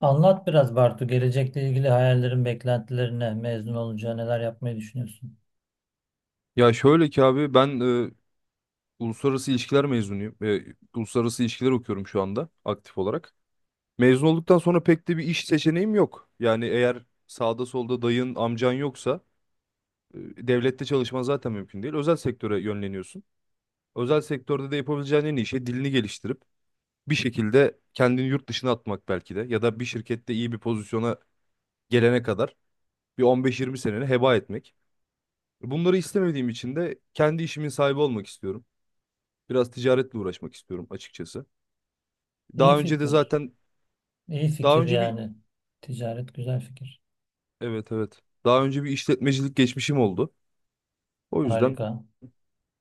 Anlat biraz Bartu, gelecekle ilgili hayallerin, beklentilerine, mezun olunca neler yapmayı düşünüyorsun? Ya şöyle ki abi ben e, uluslararası ilişkiler mezunuyum. Uluslararası ilişkiler okuyorum şu anda aktif olarak. Mezun olduktan sonra pek de bir iş seçeneğim yok. Yani eğer sağda solda dayın, amcan yoksa e, devlette çalışman zaten mümkün değil. Özel sektöre yönleniyorsun. Özel sektörde de yapabileceğin en iyi şey dilini geliştirip bir şekilde kendini yurt dışına atmak belki de, ya da bir şirkette iyi bir pozisyona gelene kadar bir 15-20 seneni heba etmek. Bunları istemediğim için de kendi işimin sahibi olmak istiyorum. Biraz ticaretle uğraşmak istiyorum açıkçası. İyi Daha önce de fikir. zaten İyi daha fikir önce bir yani. Ticaret güzel fikir. evet evet. Daha önce bir işletmecilik geçmişim oldu. O yüzden Harika.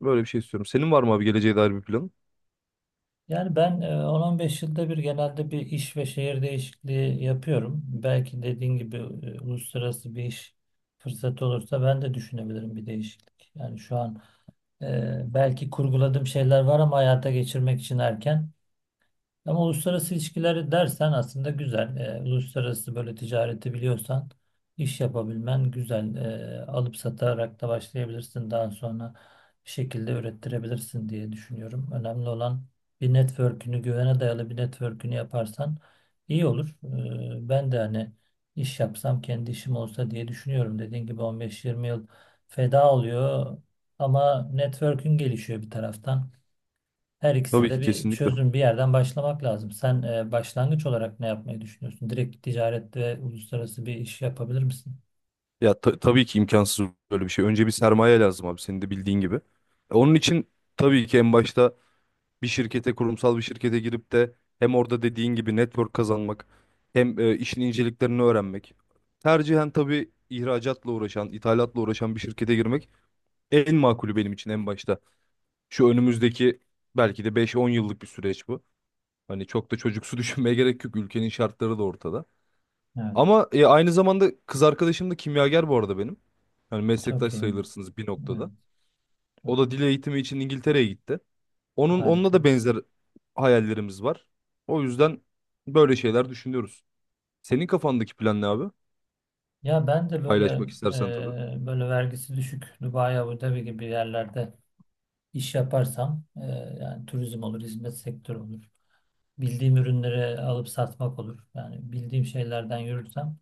böyle bir şey istiyorum. Senin var mı abi geleceğe dair bir planın? Yani ben 10-15 yılda bir genelde bir iş ve şehir değişikliği yapıyorum. Belki dediğin gibi uluslararası bir iş fırsatı olursa ben de düşünebilirim bir değişiklik. Yani şu an belki kurguladığım şeyler var ama hayata geçirmek için erken. Ama uluslararası ilişkileri dersen aslında güzel. Uluslararası böyle ticareti biliyorsan iş yapabilmen güzel. Alıp satarak da başlayabilirsin. Daha sonra bir şekilde ürettirebilirsin diye düşünüyorum. Önemli olan bir network'ünü, güvene dayalı bir network'ünü yaparsan iyi olur. Ben de hani iş yapsam kendi işim olsa diye düşünüyorum. Dediğin gibi 15-20 yıl feda oluyor ama network'ün gelişiyor bir taraftan. Her ikisi Tabii ki, de bir kesinlikle. çözüm, bir yerden başlamak lazım. Sen başlangıç olarak ne yapmayı düşünüyorsun? Direkt ticaret ve uluslararası bir iş yapabilir misin? Ya tabii ki imkansız böyle bir şey. Önce bir sermaye lazım abi, senin de bildiğin gibi. Onun için tabii ki en başta bir şirkete, kurumsal bir şirkete girip de hem orada dediğin gibi network kazanmak hem işin inceliklerini öğrenmek. Tercihen tabii ihracatla uğraşan, ithalatla uğraşan bir şirkete girmek en makulü benim için en başta. Şu önümüzdeki belki de 5-10 yıllık bir süreç bu. Hani çok da çocuksu düşünmeye gerek yok. Ülkenin şartları da ortada. Evet, Ama aynı zamanda kız arkadaşım da kimyager bu arada benim. Yani çok meslektaş iyi. sayılırsınız bir Evet, noktada. O çok da iyi. dil eğitimi için İngiltere'ye gitti. Onunla Harika. da benzer hayallerimiz var. O yüzden böyle şeyler düşünüyoruz. Senin kafandaki plan ne abi? Ya ben de böyle Paylaşmak istersen tabii. Böyle vergisi düşük Dubai, Abu Dhabi gibi yerlerde iş yaparsam yani turizm olur, hizmet sektörü olur. Bildiğim ürünleri alıp satmak olur. Yani bildiğim şeylerden yürürsem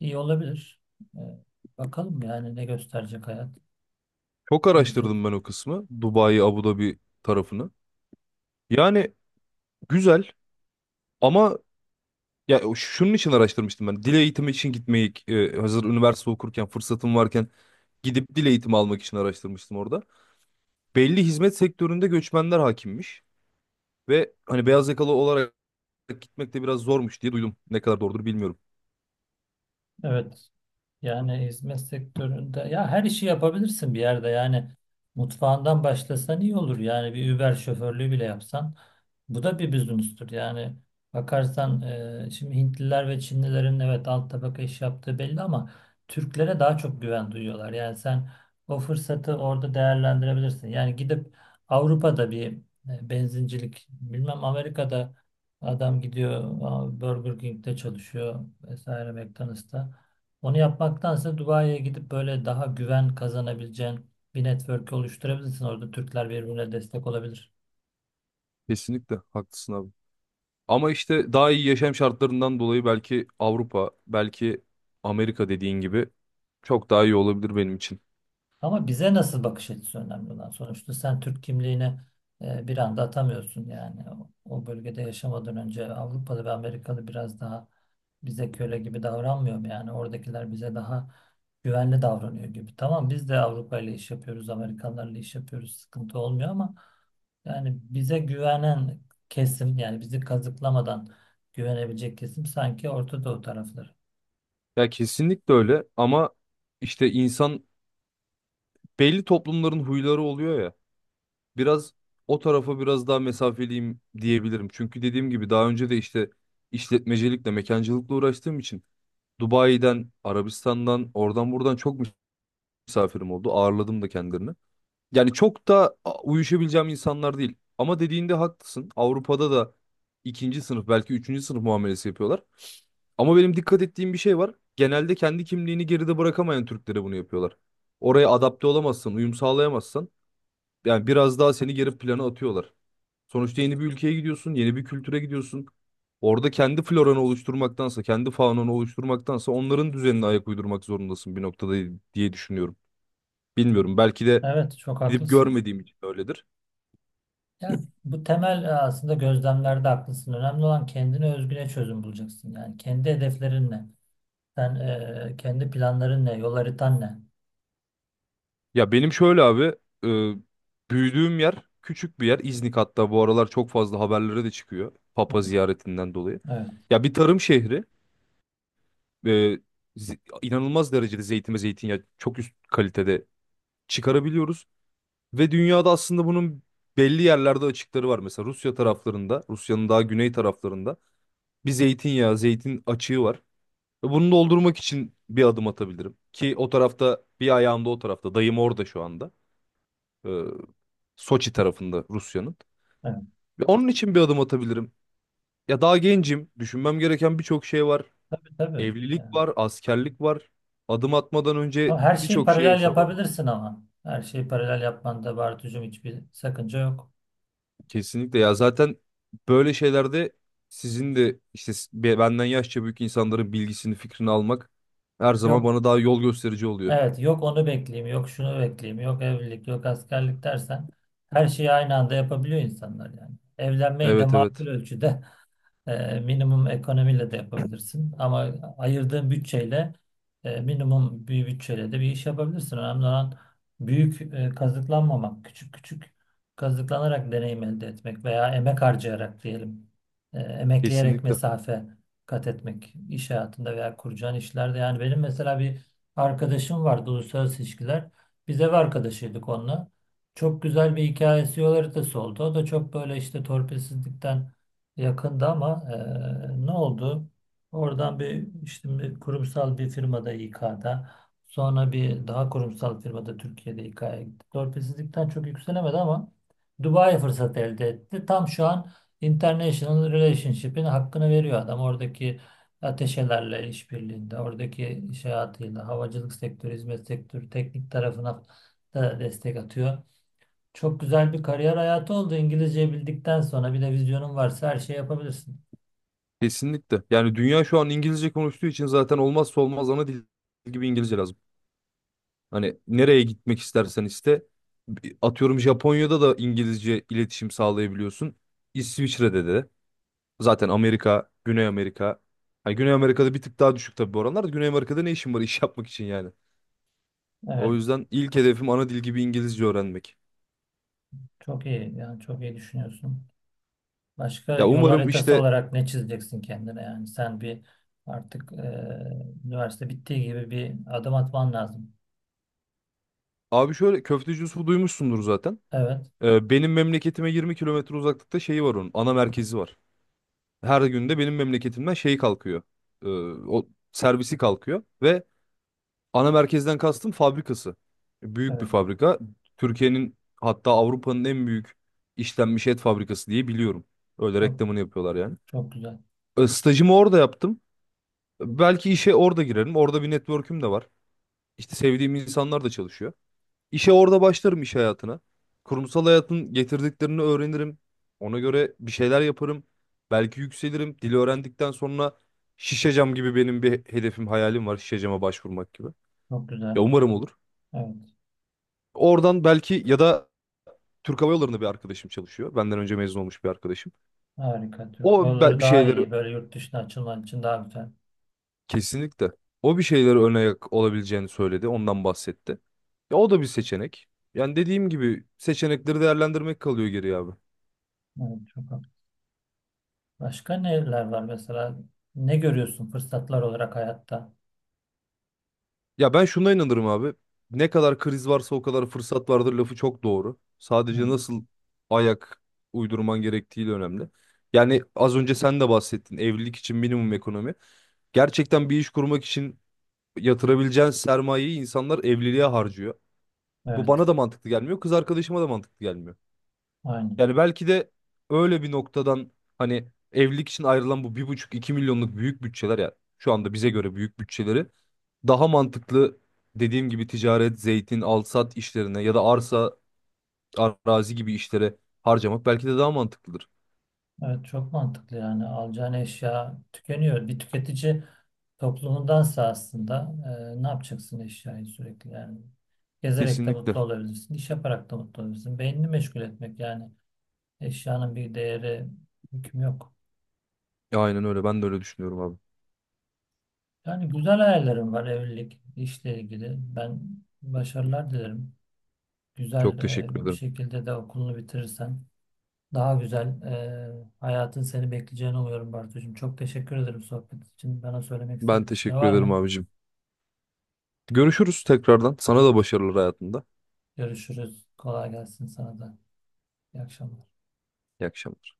iyi olabilir. E, Bakalım yani ne gösterecek hayat. Çok Göreceğiz. araştırdım ben o kısmı, Dubai, Abu Dhabi tarafını. Yani güzel ama... Ya şunun için araştırmıştım ben. Dil eğitimi için gitmeyi, hazır üniversite okurken fırsatım varken gidip dil eğitimi almak için araştırmıştım orada. Belli hizmet sektöründe göçmenler hakimmiş ve hani beyaz yakalı olarak gitmek de biraz zormuş diye duydum. Ne kadar doğrudur bilmiyorum. Evet. Yani hizmet sektöründe ya her işi yapabilirsin bir yerde yani mutfağından başlasan iyi olur yani bir Uber şoförlüğü bile yapsan bu da bir business'tür yani bakarsan şimdi Hintliler ve Çinlilerin evet alt tabaka iş yaptığı belli ama Türklere daha çok güven duyuyorlar yani sen o fırsatı orada değerlendirebilirsin yani gidip Avrupa'da bir benzincilik bilmem Amerika'da adam gidiyor Burger King'de çalışıyor vesaire McDonald's'ta. Onu yapmaktansa Dubai'ye gidip böyle daha güven kazanabileceğin bir network oluşturabilirsin. Orada Türkler birbirine destek olabilir. Kesinlikle haklısın abi. Ama işte daha iyi yaşam şartlarından dolayı belki Avrupa, belki Amerika dediğin gibi çok daha iyi olabilir benim için. Ama bize nasıl bakış açısı önemli olan. Sonuçta sen Türk kimliğini bir anda atamıyorsun yani. O bölgede yaşamadan önce Avrupalı ve Amerikalı biraz daha bize köle gibi davranmıyor mu? Yani oradakiler bize daha güvenli davranıyor gibi. Tamam biz de Avrupa ile iş yapıyoruz, Amerikanlarla iş yapıyoruz. Sıkıntı olmuyor ama yani bize güvenen kesim yani bizi kazıklamadan güvenebilecek kesim sanki Orta Doğu tarafları. Ya kesinlikle öyle, ama işte insan, belli toplumların huyları oluyor biraz, o tarafa biraz daha mesafeliyim diyebilirim. Çünkü dediğim gibi daha önce de işte işletmecilikle, mekancılıkla uğraştığım için Dubai'den, Arabistan'dan, oradan buradan çok misafirim oldu. Ağırladım da kendilerini. Yani çok da uyuşabileceğim insanlar değil. Ama dediğinde haklısın. Avrupa'da da ikinci sınıf, belki üçüncü sınıf muamelesi yapıyorlar. Ama benim dikkat ettiğim bir şey var. Genelde kendi kimliğini geride bırakamayan Türklere bunu yapıyorlar. Oraya adapte olamazsan, uyum sağlayamazsan yani biraz daha seni geri plana atıyorlar. Sonuçta yeni bir ülkeye gidiyorsun, yeni bir kültüre gidiyorsun. Orada kendi floranı oluşturmaktansa, kendi faunanı oluşturmaktansa onların düzenine ayak uydurmak zorundasın bir noktada diye düşünüyorum. Bilmiyorum, belki de Evet, çok gidip haklısın. görmediğim için öyledir. Yani bu temel aslında gözlemlerde haklısın. Önemli olan kendine özgüne çözüm bulacaksın. Yani kendi hedeflerin ne? Sen kendi planların ne? Yol haritan ne? Ya benim şöyle abi, büyüdüğüm yer küçük bir yer. İznik hatta bu aralar çok fazla haberlere de çıkıyor Hı. Papa ziyaretinden dolayı. Evet, Ya bir tarım şehri, e, inanılmaz derecede zeytin ve zeytinyağı çok üst kalitede çıkarabiliyoruz. Ve dünyada aslında bunun belli yerlerde açıkları var. Mesela Rusya taraflarında, Rusya'nın daha güney taraflarında bir zeytinyağı, zeytin açığı var. Ve bunu doldurmak için bir adım atabilirim. Ki o tarafta bir ayağım da, o tarafta. Dayım orada şu anda. Ee, Soçi tarafında Rusya'nın. evet. Ve onun için bir adım atabilirim. Ya daha gencim. Düşünmem gereken birçok şey var. Tabii tabii. Evlilik Yani. var, askerlik var. Adım atmadan önce Ama her şeyi birçok şeye paralel hesaba... yapabilirsin ama. Her şeyi paralel yapmanda Bartucuğum hiçbir sakınca yok. Kesinlikle ya, zaten böyle şeylerde sizin de işte benden yaşça büyük insanların bilgisini fikrini almak her zaman Yok. bana daha yol gösterici oluyor. Evet, yok onu bekleyeyim, yok şunu bekleyeyim, yok evlilik, yok askerlik dersen her şeyi aynı anda yapabiliyor insanlar yani. Evlenmeyi de Evet makul evet, ölçüde minimum ekonomiyle de yapabilirsin. Ama ayırdığın bütçeyle minimum bir bütçeyle de bir iş yapabilirsin. Önemli olan büyük kazıklanmamak, küçük küçük kazıklanarak deneyim elde etmek veya emek harcayarak diyelim. Emekleyerek kesinlikle mesafe kat etmek iş hayatında veya kuracağın işlerde. Yani benim mesela bir arkadaşım vardı uluslararası ilişkiler. Biz ev arkadaşıydık onunla. Çok güzel bir hikayesi yol haritası oldu. O da çok böyle işte torpilsizlikten yakında ama ne oldu? Oradan bir işte bir kurumsal bir firmada İK'da sonra bir daha kurumsal firmada Türkiye'de İK'ya gitti. Torpilsizlikten çok yükselemedi ama Dubai fırsat elde etti. Tam şu an International Relationship'in hakkını veriyor adam. Oradaki ateşelerle işbirliğinde, oradaki iş hayatıyla, havacılık sektörü, hizmet sektörü, teknik tarafına da destek atıyor. Çok güzel bir kariyer hayatı oldu. İngilizce bildikten sonra bir de vizyonun varsa her şeyi yapabilirsin. kesinlikle yani dünya şu an İngilizce konuştuğu için zaten olmazsa olmaz, ana dil gibi İngilizce lazım. Hani nereye gitmek istersen iste, atıyorum Japonya'da da İngilizce iletişim sağlayabiliyorsun. İsviçre'de de, zaten Amerika, Güney Amerika. Hani Güney Amerika'da bir tık daha düşük tabii bu oranlar da. Güney Amerika'da ne işin var iş yapmak için yani? O Evet. yüzden ilk hedefim ana dil gibi İngilizce öğrenmek. Çok iyi. Yani çok iyi düşünüyorsun. Başka Ya yol umarım, haritası işte olarak ne çizeceksin kendine? Yani sen bir artık üniversite bittiği gibi bir adım atman lazım. abi şöyle, Köfteci Yusuf'u duymuşsundur zaten. Evet. Benim memleketime 20 kilometre uzaklıkta şeyi var onun. Ana merkezi var. Her gün de benim memleketimden şey kalkıyor. Ee, O servisi kalkıyor ve ana merkezden kastım fabrikası. Büyük bir Evet. fabrika. Türkiye'nin hatta Avrupa'nın en büyük işlenmiş et fabrikası diye biliyorum. Öyle Çok, reklamını yapıyorlar yani. çok güzel. Stajımı orada yaptım. Belki işe orada girerim. Orada bir network'üm de var. İşte sevdiğim insanlar da çalışıyor. İşe orada başlarım iş hayatına. Kurumsal hayatın getirdiklerini öğrenirim. Ona göre bir şeyler yaparım. Belki yükselirim. Dili öğrendikten sonra Şişecam gibi benim bir hedefim, hayalim var. Şişecam'a başvurmak gibi. Çok Ya güzel. umarım olur. Evet. Oradan belki, ya da Türk Hava Yolları'nda bir arkadaşım çalışıyor. Benden önce mezun olmuş bir arkadaşım. Harika. Türk yolları Bir daha şeyleri... iyi. Böyle yurt dışına açılman için daha güzel. Kesinlikle. O bir şeylere ön ayak olabileceğini söyledi. Ondan bahsetti. Ya o da bir seçenek. Yani dediğim gibi seçenekleri değerlendirmek kalıyor geriye abi. Evet. Çok haklı. Başka neler var mesela? Ne görüyorsun fırsatlar olarak hayatta? Ya ben şuna inanırım abi. Ne kadar kriz varsa o kadar fırsat vardır lafı çok doğru. Sadece Evet. nasıl ayak uydurman gerektiği de önemli. Yani az önce sen de bahsettin, evlilik için minimum ekonomi. Gerçekten bir iş kurmak için yatırabileceğin sermayeyi insanlar evliliğe harcıyor. Bu Evet. bana da mantıklı gelmiyor, kız arkadaşıma da mantıklı gelmiyor. Aynen. Yani belki de öyle bir noktadan, hani evlilik için ayrılan bu bir buçuk iki milyonluk büyük bütçeler, ya şu anda bize göre büyük bütçeleri daha mantıklı, dediğim gibi ticaret, zeytin, alsat işlerine ya da arsa, arazi gibi işlere harcamak belki de daha mantıklıdır. Evet, çok mantıklı yani alacağın eşya tükeniyor. Bir tüketici toplumundansa aslında ne yapacaksın eşyayı sürekli yani. Gezerek de Kesinlikle. mutlu olabilirsin, iş yaparak da mutlu olabilirsin. Beynini meşgul etmek yani eşyanın bir değeri, hükmü yok. Aynen öyle. Ben de öyle düşünüyorum abi. Yani güzel hayallerim var evlilik, işle ilgili. Ben başarılar dilerim. Güzel Çok teşekkür bir ederim. şekilde de okulunu bitirirsen. Daha güzel hayatın seni bekleyeceğini umuyorum Bartucuğum. Çok teşekkür ederim sohbet için. Bana söylemek Ben istediğin bir şey teşekkür var ederim mı? abicim. Görüşürüz tekrardan. Sana da başarılar hayatında. Görüşürüz. Kolay gelsin sana da. İyi akşamlar. İyi akşamlar.